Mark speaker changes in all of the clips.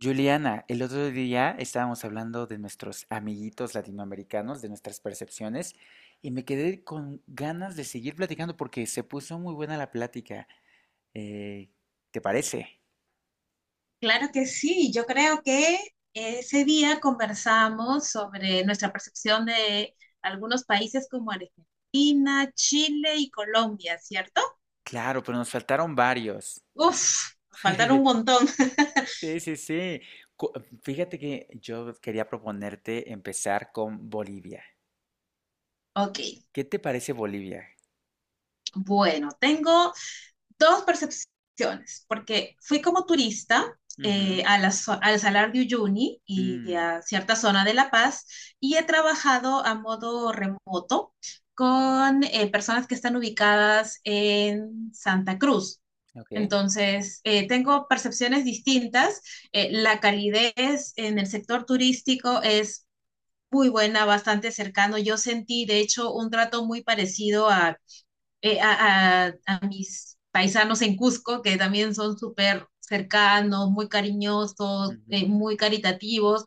Speaker 1: Juliana, el otro día estábamos hablando de nuestros amiguitos latinoamericanos, de nuestras percepciones, y me quedé con ganas de seguir platicando porque se puso muy buena la plática. Eh, ¿Te parece?
Speaker 2: Claro que sí, yo creo que ese día conversamos sobre nuestra percepción de algunos países como Argentina, Chile y Colombia, ¿cierto?
Speaker 1: Claro, pero nos faltaron varios.
Speaker 2: Uf, nos faltaron un montón.
Speaker 1: Sí, sí, sí. Cu- Fíjate que yo quería proponerte empezar con Bolivia.
Speaker 2: Ok,
Speaker 1: ¿Qué te parece Bolivia?
Speaker 2: bueno, tengo dos percepciones, porque fui como turista
Speaker 1: Ujú.
Speaker 2: a la, al Salar de Uyuni y
Speaker 1: Mm,
Speaker 2: a cierta zona de La Paz y he trabajado a modo remoto con personas que están ubicadas en Santa Cruz.
Speaker 1: ok.
Speaker 2: Entonces, tengo percepciones distintas. La calidez en el sector turístico es muy buena, bastante cercano. Yo sentí, de hecho, un trato muy parecido a mis paisanos en Cusco, que también son súper cercanos, muy cariñosos,
Speaker 1: Ujú,
Speaker 2: muy caritativos.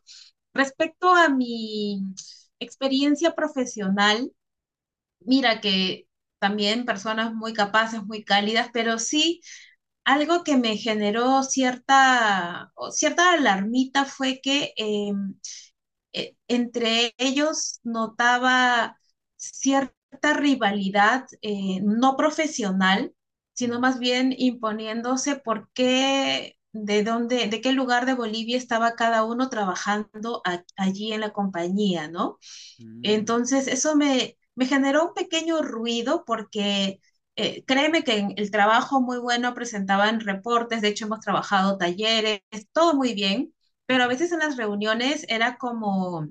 Speaker 2: Respecto a mi experiencia profesional, mira que también personas muy capaces, muy cálidas, pero sí algo que me generó cierta, o cierta alarmita fue que entre ellos notaba cierta rivalidad no profesional, sino
Speaker 1: ujú,
Speaker 2: más bien imponiéndose por qué, de dónde, de qué lugar de Bolivia estaba cada uno trabajando allí en la compañía, ¿no?
Speaker 1: ujú,
Speaker 2: Entonces, me generó un pequeño ruido porque créeme que en el trabajo muy bueno presentaban reportes, de hecho hemos trabajado talleres, todo muy bien, pero a
Speaker 1: ujú.
Speaker 2: veces en las reuniones era como,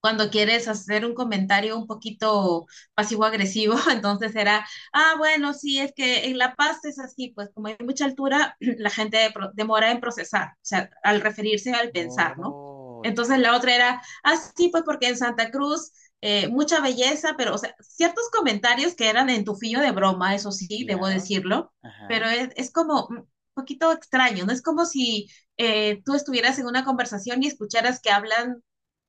Speaker 2: cuando quieres hacer un comentario un poquito pasivo-agresivo, entonces era, ah, bueno, sí, es que en La Paz es así, pues como hay mucha altura, la gente demora en procesar, o sea, al referirse al pensar, ¿no?
Speaker 1: Oh,
Speaker 2: Entonces la
Speaker 1: ya.
Speaker 2: otra era, ah, sí, pues porque en Santa Cruz mucha belleza, pero, o sea, ciertos comentarios que eran en tu filo de broma, eso sí, debo
Speaker 1: Claro.
Speaker 2: decirlo, pero
Speaker 1: Ajá.
Speaker 2: es como un poquito extraño, ¿no? Es como si tú estuvieras en una conversación y escucharas que hablan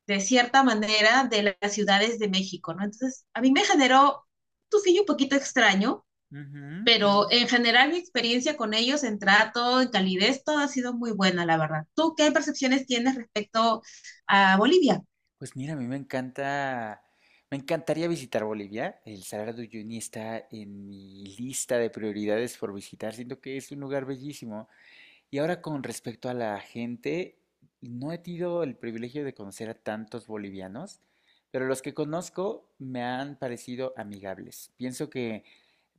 Speaker 2: de cierta manera de las ciudades de México, ¿no? Entonces, a mí me generó un fillo un poquito extraño,
Speaker 1: Ujú,
Speaker 2: pero
Speaker 1: ujú.
Speaker 2: en general mi experiencia con ellos en trato, en calidez, todo ha sido muy buena, la verdad. ¿Tú qué percepciones tienes respecto a Bolivia?
Speaker 1: Pues mira, a mí me encanta, me encantaría visitar Bolivia. El Salar de Uyuni está en mi lista de prioridades por visitar. Siento que es un lugar bellísimo. Y ahora con respecto a la gente, no he tenido el privilegio de conocer a tantos bolivianos, pero los que conozco me han parecido amigables. Pienso que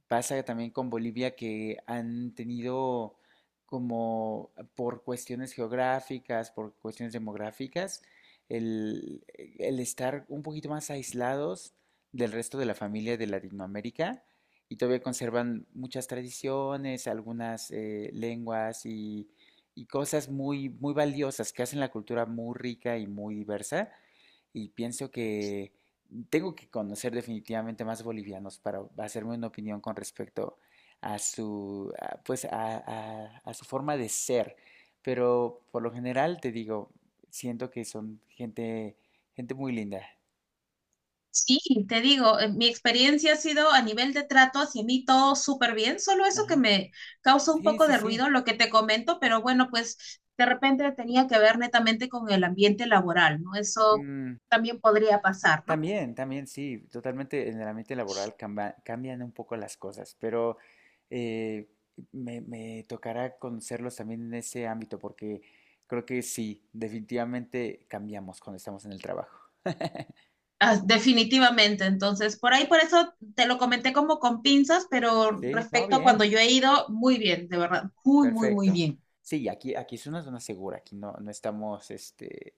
Speaker 1: pasa también con Bolivia que han tenido como por cuestiones geográficas, por cuestiones demográficas, el, el estar un poquito más aislados del resto de la familia de Latinoamérica y todavía conservan muchas tradiciones, algunas lenguas y cosas muy, muy valiosas que hacen la cultura muy rica y muy diversa y pienso que tengo que conocer definitivamente más bolivianos para hacerme una opinión con respecto a su, a, pues a su forma de ser. Pero por lo general te digo, siento que son gente muy linda.
Speaker 2: Sí, te digo, mi experiencia ha sido a nivel de trato hacia mí todo súper bien, solo eso que
Speaker 1: Ajá.
Speaker 2: me causa un
Speaker 1: Sí,
Speaker 2: poco
Speaker 1: sí,
Speaker 2: de
Speaker 1: sí.
Speaker 2: ruido, lo que te comento, pero bueno, pues de repente tenía que ver netamente con el ambiente laboral, ¿no? Eso
Speaker 1: Mm,
Speaker 2: también podría pasar, ¿no?
Speaker 1: también, también, sí, totalmente en el ambiente laboral cambian un poco las cosas, pero eh, me tocará conocerlos también en ese ámbito, porque creo que sí, definitivamente cambiamos cuando estamos en el trabajo.
Speaker 2: Ah, definitivamente, entonces por ahí, por eso te lo comenté como con pinzas, pero
Speaker 1: Sí, no,
Speaker 2: respecto a cuando
Speaker 1: bien,
Speaker 2: yo he ido, muy bien, de verdad, muy, muy, muy
Speaker 1: perfecto.
Speaker 2: bien.
Speaker 1: Sí, aquí es una zona segura, aquí no, no estamos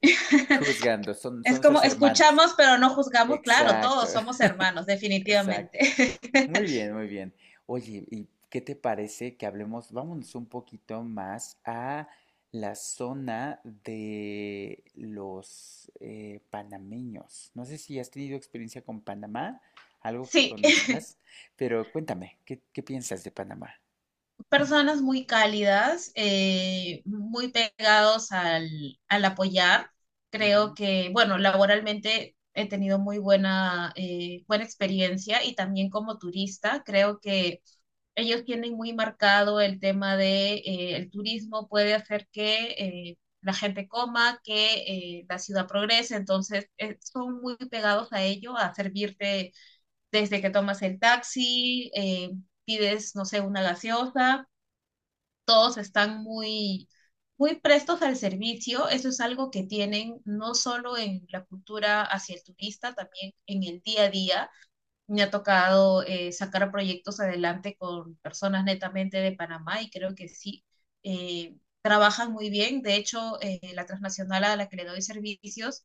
Speaker 1: juzgando,
Speaker 2: Es
Speaker 1: son
Speaker 2: como
Speaker 1: nuestros hermanos.
Speaker 2: escuchamos, pero no juzgamos, claro,
Speaker 1: Exacto,
Speaker 2: todos somos hermanos,
Speaker 1: exacto.
Speaker 2: definitivamente.
Speaker 1: Muy bien, muy bien. Oye, ¿y qué te parece que hablemos, vámonos un poquito más a la zona de los panameños? No sé si has tenido experiencia con Panamá, algo que
Speaker 2: Sí,
Speaker 1: conozcas, pero cuéntame, qué piensas de Panamá?
Speaker 2: personas muy cálidas, muy pegados al apoyar. Creo
Speaker 1: Ujú,
Speaker 2: que, bueno, laboralmente he tenido muy buena, buena experiencia y también como turista, creo que ellos tienen muy marcado el tema de el turismo puede hacer que la gente coma, que la ciudad progrese, entonces son muy pegados a ello, a servirte desde que tomas el taxi, pides, no sé, una gaseosa, todos están muy prestos al servicio, eso es algo que tienen no solo en la cultura hacia el turista, también en el día a día, me ha tocado sacar proyectos adelante con personas netamente de Panamá y creo que sí, trabajan muy bien. De hecho, la transnacional a la que le doy servicios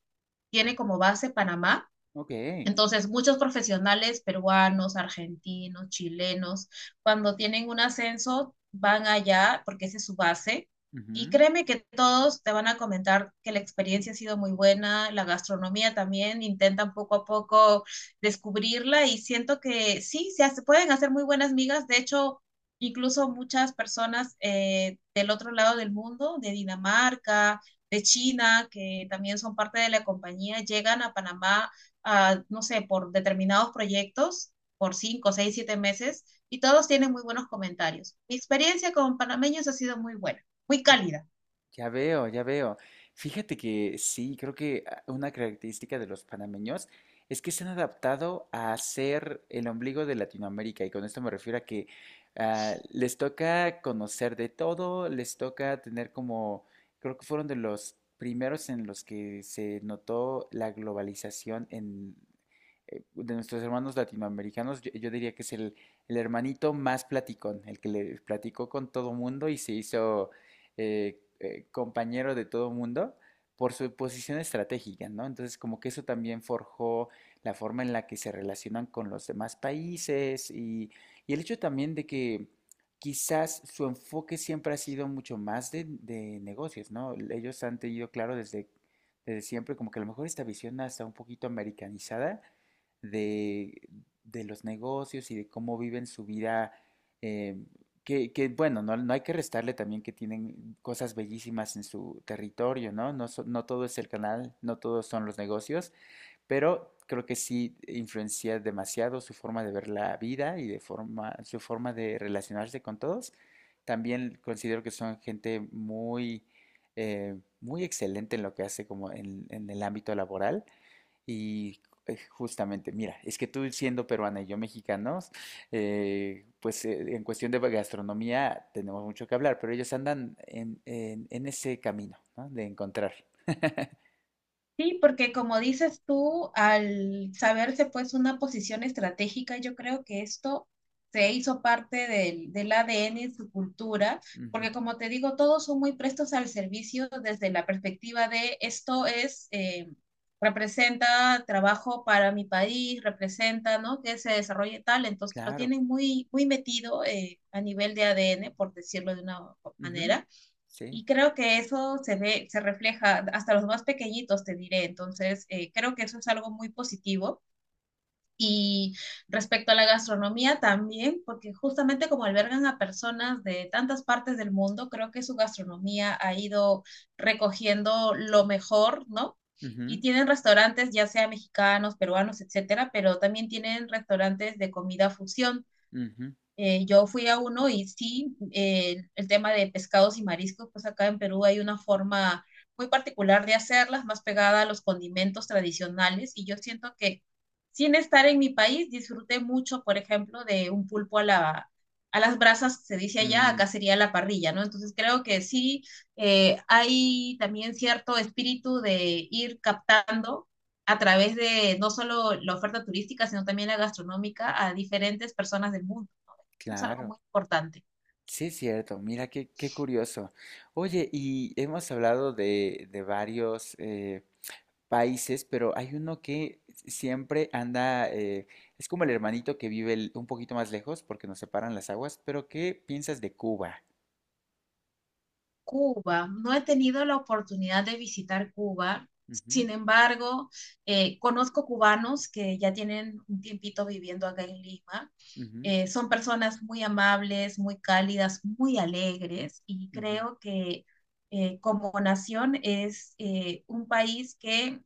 Speaker 2: tiene como base Panamá.
Speaker 1: ok.
Speaker 2: Entonces, muchos profesionales peruanos, argentinos, chilenos, cuando tienen un ascenso, van allá porque esa es su base. Y
Speaker 1: Ujú.
Speaker 2: créeme que todos te van a comentar que la experiencia ha sido muy buena, la gastronomía también, intentan poco a poco descubrirla y siento que sí, pueden hacer muy buenas migas. De hecho, incluso muchas personas del otro lado del mundo, de Dinamarca, de China, que también son parte de la compañía, llegan a Panamá ah, no sé, por determinados proyectos, por cinco, seis, siete meses, y todos tienen muy buenos comentarios. Mi experiencia con panameños ha sido muy buena, muy cálida.
Speaker 1: Ya veo, ya veo. Fíjate que sí, creo que ah, una característica de los panameños es que se han adaptado a ser el ombligo de Latinoamérica y con esto me refiero a que ah, les toca conocer de todo, les toca tener como, creo que fueron de los primeros en los que se notó la globalización de nuestros hermanos latinoamericanos, yo diría que es el hermanito más platicón, el que le platicó con todo mundo y se hizo compañero de todo mundo por su posición estratégica, ¿no? Entonces, como que eso también forjó la forma en la que se relacionan con los demás países y el hecho también de que quizás su enfoque siempre ha sido mucho más de negocios, ¿no? Ellos han tenido claro desde siempre como que a lo mejor esta visión hasta un poquito americanizada de, de los negocios y de cómo viven su vida, eh, bueno, no, no hay que restarle también que tienen cosas bellísimas en su territorio, ¿no? No, no todo es el canal, no todos son los negocios, pero creo que sí influencia demasiado su forma de ver la vida y de su forma de relacionarse con todos. También considero que son gente muy, muy excelente en lo que hace como en el ámbito laboral y justamente, mira, es que tú siendo peruana y yo mexicanos, en cuestión de gastronomía tenemos mucho que hablar, pero ellos andan en ese camino, ¿no? De encontrar.
Speaker 2: Sí, porque como dices tú, al saberse pues una posición estratégica, yo creo que esto se hizo parte del ADN y su cultura, porque
Speaker 1: Ujú,
Speaker 2: como te digo, todos son muy prestos al servicio desde la perspectiva de esto es, representa trabajo para mi país, representa, ¿no? Que se desarrolle tal, entonces lo
Speaker 1: claro.
Speaker 2: tienen muy, muy metido a nivel de ADN, por decirlo de una
Speaker 1: Ujú,
Speaker 2: manera.
Speaker 1: sí.
Speaker 2: Y creo que eso se ve, se refleja hasta los más pequeñitos, te diré. Entonces, creo que eso es algo muy positivo. Y respecto a la gastronomía también, porque justamente como albergan a personas de tantas partes del mundo, creo que su gastronomía ha ido recogiendo lo mejor, ¿no? Y
Speaker 1: Ujú,
Speaker 2: tienen restaurantes, ya sea mexicanos, peruanos, etcétera, pero también tienen restaurantes de comida fusión.
Speaker 1: ujú,
Speaker 2: Yo fui a uno y sí, el tema de pescados y mariscos, pues acá en Perú hay una forma muy particular de hacerlas, más pegada a los condimentos tradicionales. Y yo siento que sin estar en mi país, disfruté mucho, por ejemplo, de un pulpo a las brasas, se dice allá,
Speaker 1: mm,
Speaker 2: acá sería la parrilla, ¿no? Entonces creo que sí, hay también cierto espíritu de ir captando a través de no solo la oferta turística, sino también la gastronómica a diferentes personas del mundo. Eso es algo
Speaker 1: claro,
Speaker 2: muy importante.
Speaker 1: sí es cierto, mira qué, qué curioso. Oye, y hemos hablado de varios países, pero hay uno que siempre anda, es como el hermanito que vive un poquito más lejos porque nos separan las aguas, pero ¿qué piensas de Cuba?
Speaker 2: Cuba, no he tenido la oportunidad de visitar Cuba.
Speaker 1: Ujú,
Speaker 2: Sin embargo, conozco cubanos que ya tienen un tiempito viviendo acá en Lima.
Speaker 1: ujú,
Speaker 2: Son personas muy amables, muy cálidas, muy alegres y
Speaker 1: ujú,
Speaker 2: creo que como nación es un país que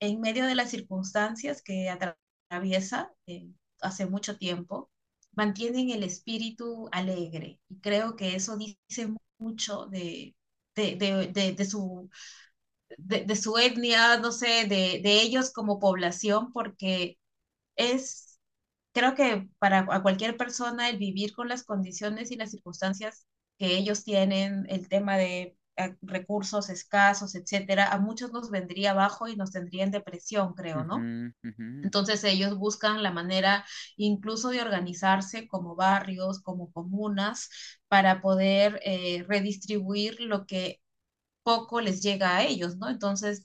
Speaker 2: en medio de las circunstancias que atraviesa hace mucho tiempo, mantienen el espíritu alegre. Y creo que eso dice mucho de, de, de de, su, de su etnia, no sé, ellos como población, porque es, creo que para a cualquier persona el vivir con las condiciones y las circunstancias que ellos tienen, el tema de recursos escasos, etcétera, a muchos nos vendría abajo y nos tendría en depresión, creo, ¿no?
Speaker 1: ujú, ujú,
Speaker 2: Entonces ellos buscan la manera incluso de organizarse como barrios, como comunas, para poder redistribuir lo que poco les llega a ellos, ¿no? Entonces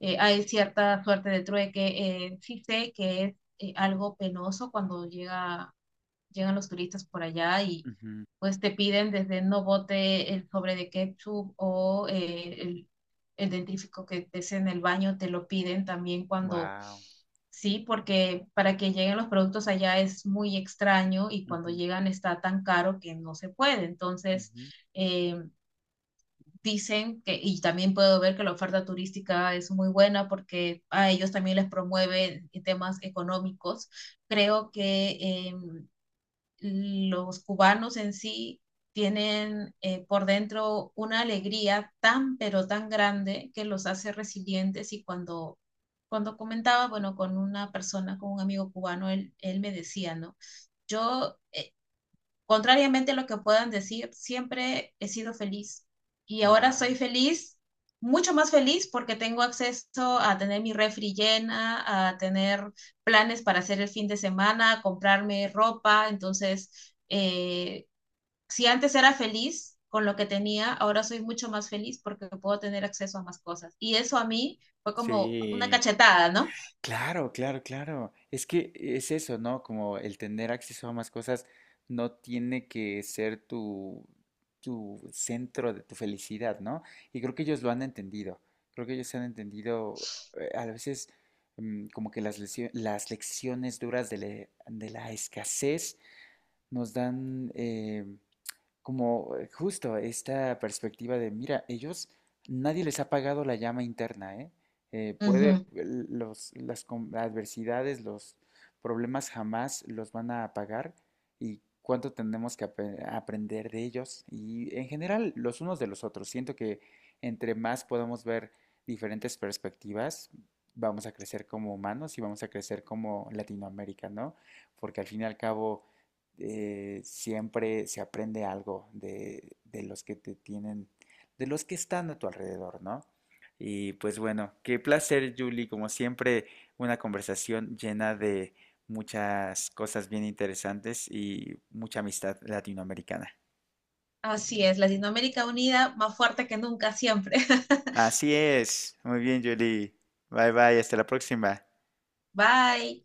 Speaker 2: hay cierta suerte de trueque. Sí sé que es algo penoso llegan los turistas por allá y
Speaker 1: ujú.
Speaker 2: pues te piden desde no bote el sobre de ketchup o el dentífrico que estés en el baño, te lo piden también
Speaker 1: Wow.
Speaker 2: sí, porque para que lleguen los productos allá es muy extraño y cuando
Speaker 1: Ujú,
Speaker 2: llegan está tan caro que no se puede. Entonces,
Speaker 1: ujú.
Speaker 2: eh, dicen que, y también puedo ver que la oferta turística es muy buena porque a ellos también les promueve temas económicos. Creo que Eh, los cubanos en sí tienen por dentro una alegría tan, pero tan grande que los hace resilientes y cuando comentaba, bueno, con una persona, con un amigo cubano, él me decía, ¿no? Yo, contrariamente a lo que puedan decir, siempre he sido feliz y ahora soy
Speaker 1: Wow.
Speaker 2: feliz, mucho más feliz porque tengo acceso a tener mi refri llena, a tener planes para hacer el fin de semana, a comprarme ropa. Entonces, si antes era feliz con lo que tenía, ahora soy mucho más feliz porque puedo tener acceso a más cosas. Y eso a mí fue como una
Speaker 1: Sí.
Speaker 2: cachetada, ¿no?
Speaker 1: Claro, claro, claro. Es que es eso, ¿no? Como el tener acceso a más cosas no tiene que ser tu centro de tu felicidad, ¿no? Y creo que ellos lo han entendido. Creo que ellos han entendido a veces mm, como que las lecciones duras de la escasez nos dan, como justo esta perspectiva de, mira, ellos, nadie les ha pagado la llama interna, ¿eh? Eh, puede,
Speaker 2: Ujú.
Speaker 1: adversidades, los problemas jamás los van a apagar y cuánto tenemos que aprender de ellos y en general los unos de los otros. Siento que entre más podamos ver diferentes perspectivas, vamos a crecer como humanos y vamos a crecer como Latinoamérica, ¿no? Porque al fin y al cabo siempre se aprende algo de los que te tienen, de los que están a tu alrededor, ¿no? Y pues bueno, qué placer, Julie, como siempre, una conversación llena de muchas cosas bien interesantes y mucha amistad latinoamericana.
Speaker 2: Así es, Latinoamérica unida, más fuerte que nunca, siempre.
Speaker 1: Así es, muy bien, Julie. Bye bye, hasta la próxima.
Speaker 2: Bye.